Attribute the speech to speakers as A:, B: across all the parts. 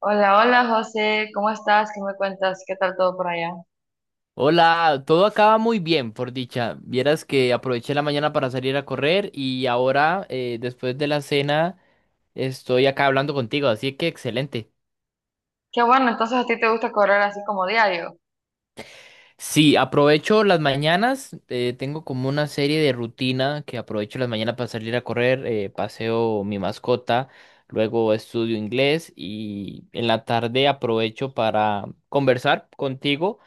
A: Hola, hola José, ¿cómo estás? ¿Qué me cuentas? ¿Qué tal todo por allá?
B: Hola, todo acaba muy bien, por dicha. Vieras que aproveché la mañana para salir a correr y ahora, después de la cena, estoy acá hablando contigo, así que excelente.
A: Qué bueno, entonces a ti te gusta correr así como diario.
B: Sí, aprovecho las mañanas, tengo como una serie de rutina que aprovecho las mañanas para salir a correr, paseo mi mascota, luego estudio inglés y en la tarde aprovecho para conversar contigo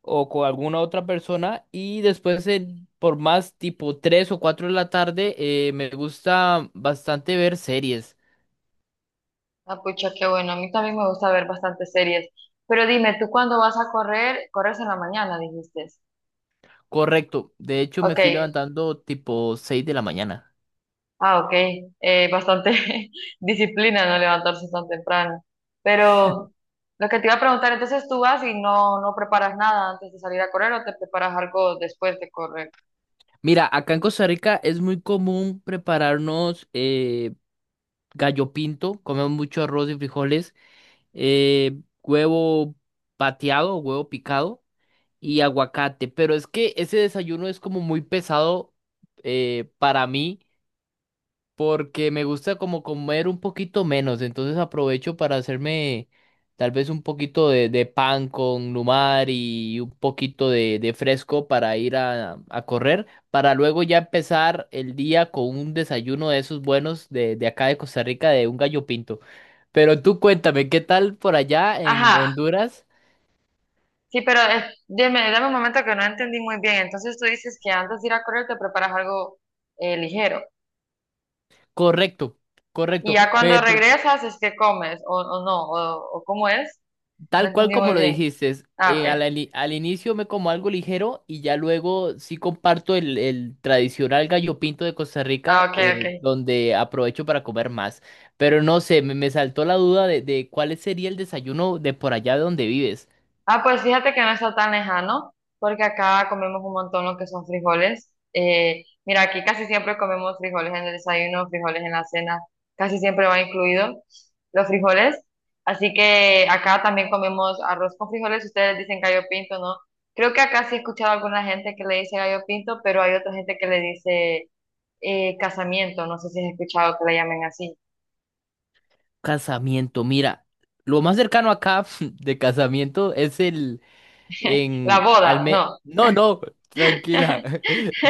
B: o con alguna otra persona y después por más tipo 3 o 4 de la tarde me gusta bastante ver series.
A: Ah, pucha, qué bueno. A mí también me gusta ver bastantes series. Pero dime, ¿tú cuándo vas a correr? Corres en la mañana, dijiste.
B: Correcto, de hecho me
A: Ok,
B: estoy levantando tipo 6 de la mañana.
A: ah, ok. Bastante disciplina no levantarse tan temprano. Pero lo que te iba a preguntar, entonces tú vas y no preparas nada antes de salir a correr o te preparas algo después de correr.
B: Mira, acá en Costa Rica es muy común prepararnos gallo pinto, comemos mucho arroz y frijoles, huevo pateado, huevo picado y aguacate, pero es que ese desayuno es como muy pesado para mí porque me gusta como comer un poquito menos, entonces aprovecho para hacerme tal vez un poquito de pan con lumar y un poquito de fresco para ir a correr, para luego ya empezar el día con un desayuno de esos buenos de acá de Costa Rica, de un gallo pinto. Pero tú cuéntame, ¿qué tal por allá en
A: Ajá,
B: Honduras?
A: sí, pero dime, dame un momento que no entendí muy bien. Entonces tú dices que antes de ir a correr te preparas algo ligero.
B: Correcto,
A: Y
B: correcto.
A: ya cuando
B: Me,
A: regresas es que comes, o no, o cómo es. No
B: tal cual
A: entendí
B: como
A: muy
B: lo
A: bien.
B: dijiste,
A: Ah, ok.
B: al inicio me como algo ligero y ya luego sí comparto el tradicional gallo pinto de Costa
A: Ah,
B: Rica,
A: ok, ok.
B: donde aprovecho para comer más. Pero no sé, me saltó la duda de cuál sería el desayuno de por allá de donde vives.
A: Ah, pues fíjate que no está tan lejano, porque acá comemos un montón lo que son frijoles. Mira, aquí casi siempre comemos frijoles en el desayuno, frijoles en la cena, casi siempre va incluido los frijoles. Así que acá también comemos arroz con frijoles, ustedes dicen gallo pinto, ¿no? Creo que acá sí he escuchado a alguna gente que le dice gallo pinto, pero hay otra gente que le dice casamiento, no sé si has escuchado que le llamen así.
B: Casamiento, mira, lo más cercano acá de casamiento es el,
A: La
B: en
A: boda, no.
B: No, no, tranquila.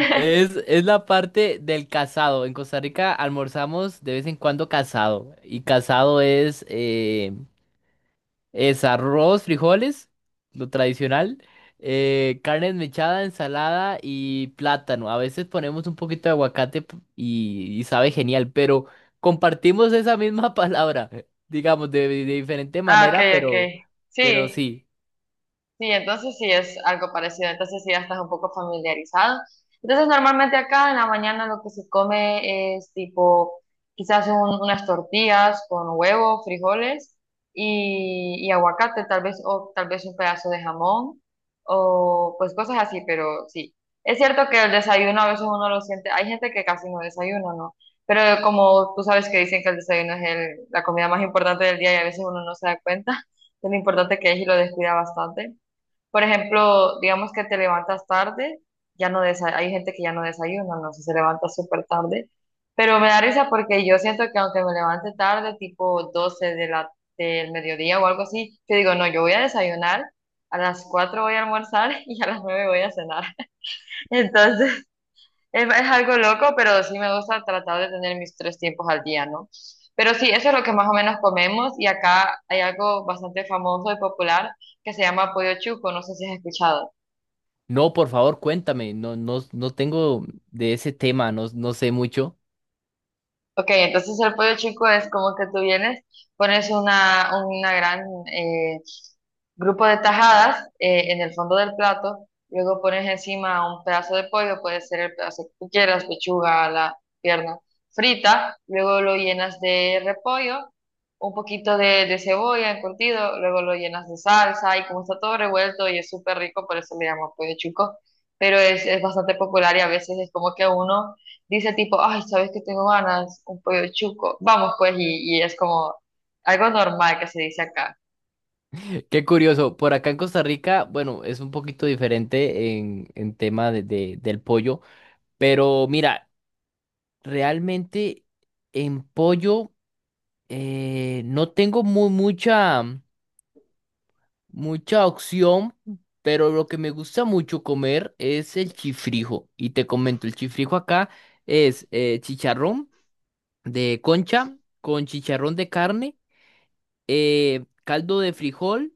B: Es la parte del casado. En Costa Rica almorzamos de vez en cuando casado. Y casado es arroz, frijoles, lo tradicional, carne desmechada, ensalada y plátano. A veces ponemos un poquito de aguacate y sabe genial, pero compartimos esa misma palabra, digamos, de diferente
A: Ah, ok,
B: manera,
A: ok.
B: pero
A: Sí.
B: sí.
A: Sí, entonces sí es algo parecido, entonces sí ya estás un poco familiarizado. Entonces normalmente acá en la mañana lo que se come es tipo quizás unas tortillas con huevo, frijoles y aguacate tal vez o tal vez un pedazo de jamón o pues cosas así, pero sí. Es cierto que el desayuno a veces uno lo siente, hay gente que casi no desayuna, ¿no? Pero como tú sabes que dicen que el desayuno es la comida más importante del día y a veces uno no se da cuenta de lo importante que es y lo descuida bastante. Por ejemplo, digamos que te levantas tarde, ya no hay gente que ya no desayuna, no sé, se levanta súper tarde, pero me da risa porque yo siento que aunque me levante tarde, tipo del mediodía o algo así, yo digo, no, yo voy a desayunar, a las 4 voy a almorzar y a las 9 voy a cenar. Entonces, es algo loco, pero sí me gusta tratar de tener mis tres tiempos al día, ¿no? Pero sí, eso es lo que más o menos comemos y acá hay algo bastante famoso y popular que se llama pollo chuco, no sé si has escuchado.
B: No, por favor, cuéntame. No, no, no tengo de ese tema, no, no sé mucho.
A: Ok, entonces el pollo chico es como que tú vienes, pones una gran eh, grupo de tajadas en el fondo del plato, luego pones encima un pedazo de pollo, puede ser el pedazo que tú quieras, pechuga, la pierna frita, luego lo llenas de repollo, un poquito de cebolla encurtido, luego lo llenas de salsa y como está todo revuelto y es súper rico, por eso le llamo pollo chico, pero es bastante popular y a veces es como que uno dice tipo, ay, ¿sabes que tengo ganas? Un pollo chuco. Vamos pues, y es como algo normal que se dice acá.
B: Qué curioso. Por acá en Costa Rica, bueno, es un poquito diferente en tema de, del pollo. Pero mira, realmente en pollo no tengo mucha, mucha opción. Pero lo que me gusta mucho comer es el chifrijo. Y te comento, el chifrijo acá es chicharrón de concha con chicharrón de carne caldo de frijol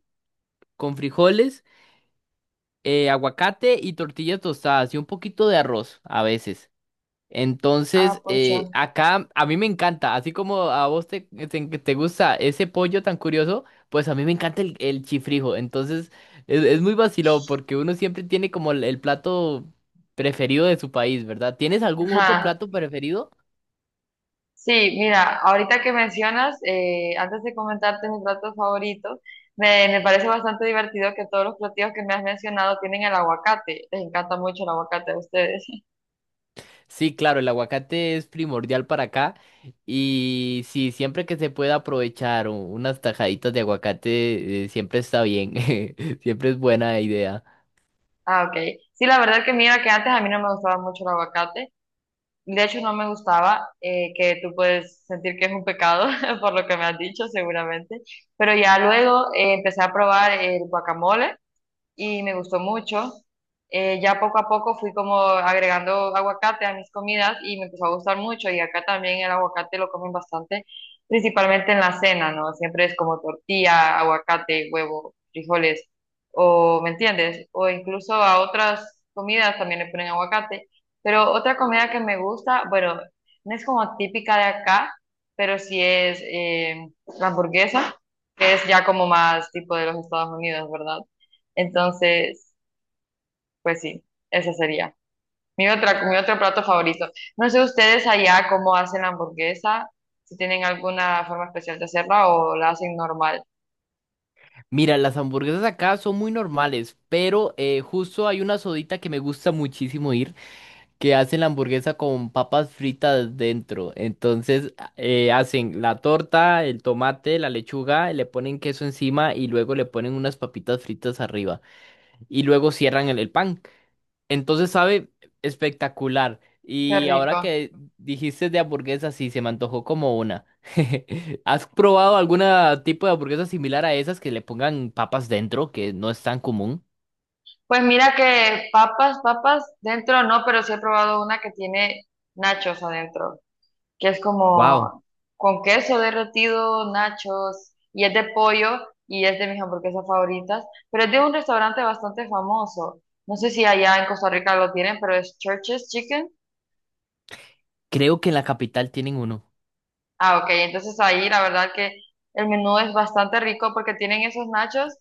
B: con frijoles, aguacate y tortillas tostadas y un poquito de arroz a veces.
A: Ah,
B: Entonces,
A: pucha.
B: acá a mí me encanta, así como a vos te gusta ese pollo tan curioso, pues a mí me encanta el chifrijo. Entonces, es muy vacilón porque uno siempre tiene como el plato preferido de su país, ¿verdad? ¿Tienes algún otro
A: Ajá.
B: plato preferido?
A: Sí, mira, ahorita que mencionas, antes de comentarte mis platos favoritos, me parece bastante divertido que todos los platillos que me has mencionado tienen el aguacate. Les encanta mucho el aguacate a ustedes.
B: Sí, claro, el aguacate es primordial para acá y sí, siempre que se pueda aprovechar unas tajaditas de aguacate, siempre está bien, siempre es buena idea.
A: Ah, ok. Sí, la verdad que mira que antes a mí no me gustaba mucho el aguacate. De hecho, no me gustaba, que tú puedes sentir que es un pecado, por lo que me has dicho, seguramente. Pero ya luego empecé a probar el guacamole y me gustó mucho. Ya poco a poco fui como agregando aguacate a mis comidas y me empezó a gustar mucho y acá también el aguacate lo comen bastante, principalmente en la cena, ¿no? Siempre es como tortilla, aguacate, huevo, frijoles o, ¿me entiendes? O incluso a otras comidas también le ponen aguacate. Pero otra comida que me gusta, bueno, no es como típica de acá, pero sí es la hamburguesa, que es ya como más tipo de los Estados Unidos, ¿verdad? Entonces, pues sí, ese sería. Mi otra, mi otro plato favorito. No sé ustedes allá cómo hacen la hamburguesa, si tienen alguna forma especial de hacerla o la hacen normal.
B: Mira, las hamburguesas acá son muy normales, pero justo hay una sodita que me gusta muchísimo ir, que hacen la hamburguesa con papas fritas dentro. Entonces hacen la torta, el tomate, la lechuga, le ponen queso encima y luego le ponen unas papitas fritas arriba y luego cierran el pan. Entonces sabe espectacular.
A: Qué
B: Y ahora
A: rico.
B: que dijiste de hamburguesas, sí, se me antojó como una. ¿Has probado algún tipo de hamburguesa similar a esas que le pongan papas dentro, que no es tan común?
A: Pues mira que papas, papas dentro no, pero sí he probado una que tiene nachos adentro. Que es
B: Wow,
A: como con queso derretido, nachos, y es de pollo y es de mis hamburguesas favoritas, pero es de un restaurante bastante famoso. No sé si allá en Costa Rica lo tienen, pero es Church's Chicken.
B: creo que en la capital tienen uno.
A: Ah, ok, entonces ahí la verdad que el menú es bastante rico porque tienen esos nachos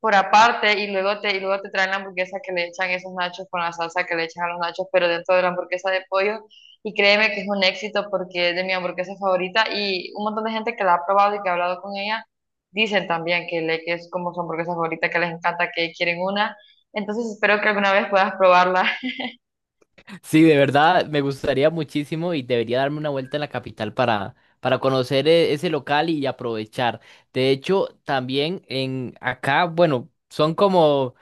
A: por aparte y luego y luego te traen la hamburguesa que le echan esos nachos con la salsa que le echan a los nachos, pero dentro de la hamburguesa de pollo. Y créeme que es un éxito porque es de mi hamburguesa favorita y un montón de gente que la ha probado y que ha hablado con ella dicen también que es como su hamburguesa favorita, que les encanta, que quieren una. Entonces espero que alguna vez puedas probarla.
B: Sí, de verdad, me gustaría muchísimo y debería darme una vuelta en la capital para conocer ese local y aprovechar. De hecho, también en acá, bueno, son como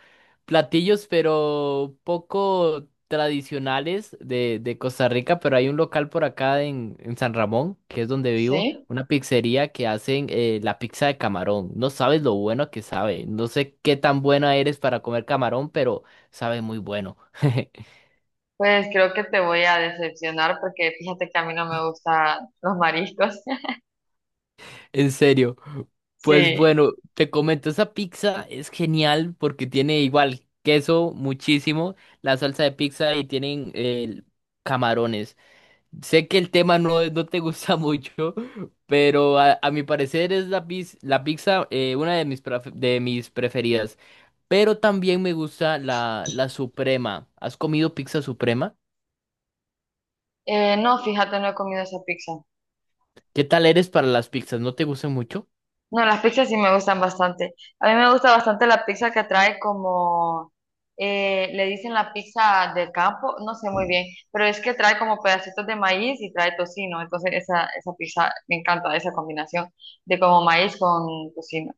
B: platillos, pero poco tradicionales de Costa Rica, pero hay un local por acá en San Ramón, que es donde vivo,
A: ¿Sí?
B: una pizzería que hacen la pizza de camarón. No sabes lo bueno que sabe. No sé qué tan buena eres para comer camarón, pero sabe muy bueno.
A: Pues creo que te voy a decepcionar porque fíjate que a mí no me gustan los mariscos.
B: En serio. Pues
A: Sí.
B: bueno, te comento, esa pizza es genial porque tiene igual queso muchísimo, la salsa de pizza y tienen camarones. Sé que el tema no, no te gusta mucho, pero a mi parecer es la, la pizza una de mis, de mis preferidas. Pero también me gusta la, la suprema. ¿Has comido pizza suprema?
A: No, fíjate, no he comido esa pizza.
B: ¿Qué tal eres para las pizzas? ¿No te gustan mucho?
A: No, las pizzas sí me gustan bastante. A mí me gusta bastante la pizza que trae como, le dicen la pizza de campo, no sé muy bien, pero es que trae como pedacitos de maíz y trae tocino. Entonces esa pizza me encanta, esa combinación de como maíz con tocino.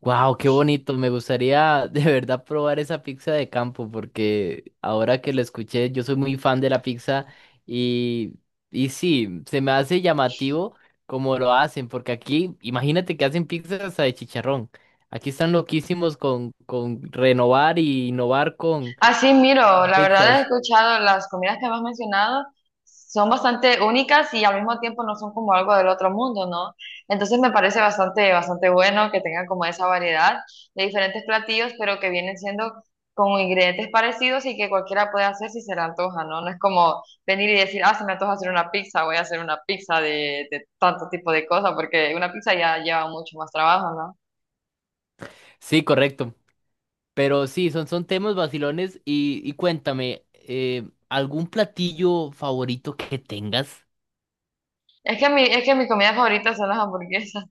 B: Wow, qué bonito. Me gustaría de verdad probar esa pizza de campo porque ahora que lo escuché, yo soy muy fan de la pizza y, y sí, se me hace llamativo como lo hacen, porque aquí, imagínate que hacen pizzas hasta de chicharrón. Aquí están loquísimos con renovar y innovar con
A: Así, miro, la verdad he
B: pizzas.
A: escuchado las comidas que me has mencionado son bastante únicas y al mismo tiempo no son como algo del otro mundo, ¿no? Entonces me parece bastante, bastante bueno que tengan como esa variedad de diferentes platillos, pero que vienen siendo con ingredientes parecidos y que cualquiera puede hacer si se le antoja, ¿no? No es como venir y decir, ah, se me antoja hacer una pizza, voy a hacer una pizza de tanto tipo de cosas, porque una pizza ya lleva mucho más trabajo, ¿no?
B: Sí, correcto. Pero sí, son, son temas vacilones y cuéntame, ¿algún platillo favorito que tengas?
A: Es que mi comida favorita son las hamburguesas.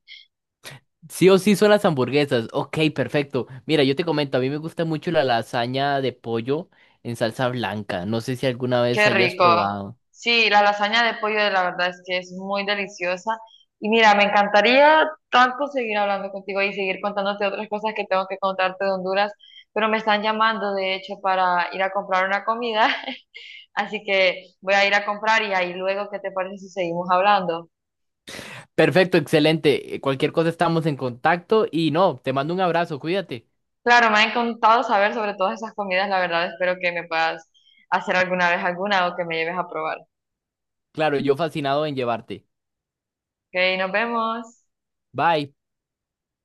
B: Sí o sí son las hamburguesas. Ok, perfecto. Mira, yo te comento, a mí me gusta mucho la lasaña de pollo en salsa blanca. No sé si alguna vez
A: Qué
B: hayas
A: rico.
B: probado.
A: Sí, la lasaña de pollo, la verdad es que es muy deliciosa. Y mira, me encantaría tanto seguir hablando contigo y seguir contándote otras cosas que tengo que contarte de Honduras, pero me están llamando, de hecho, para ir a comprar una comida. Así que voy a ir a comprar y ahí luego, ¿qué te parece si seguimos hablando?
B: Perfecto, excelente. Cualquier cosa estamos en contacto y no, te mando un abrazo, cuídate.
A: Claro, me ha encantado saber sobre todas esas comidas, la verdad, espero que me puedas hacer alguna vez alguna o que me lleves a probar.
B: Claro, yo fascinado en llevarte.
A: Ok, nos vemos.
B: Bye.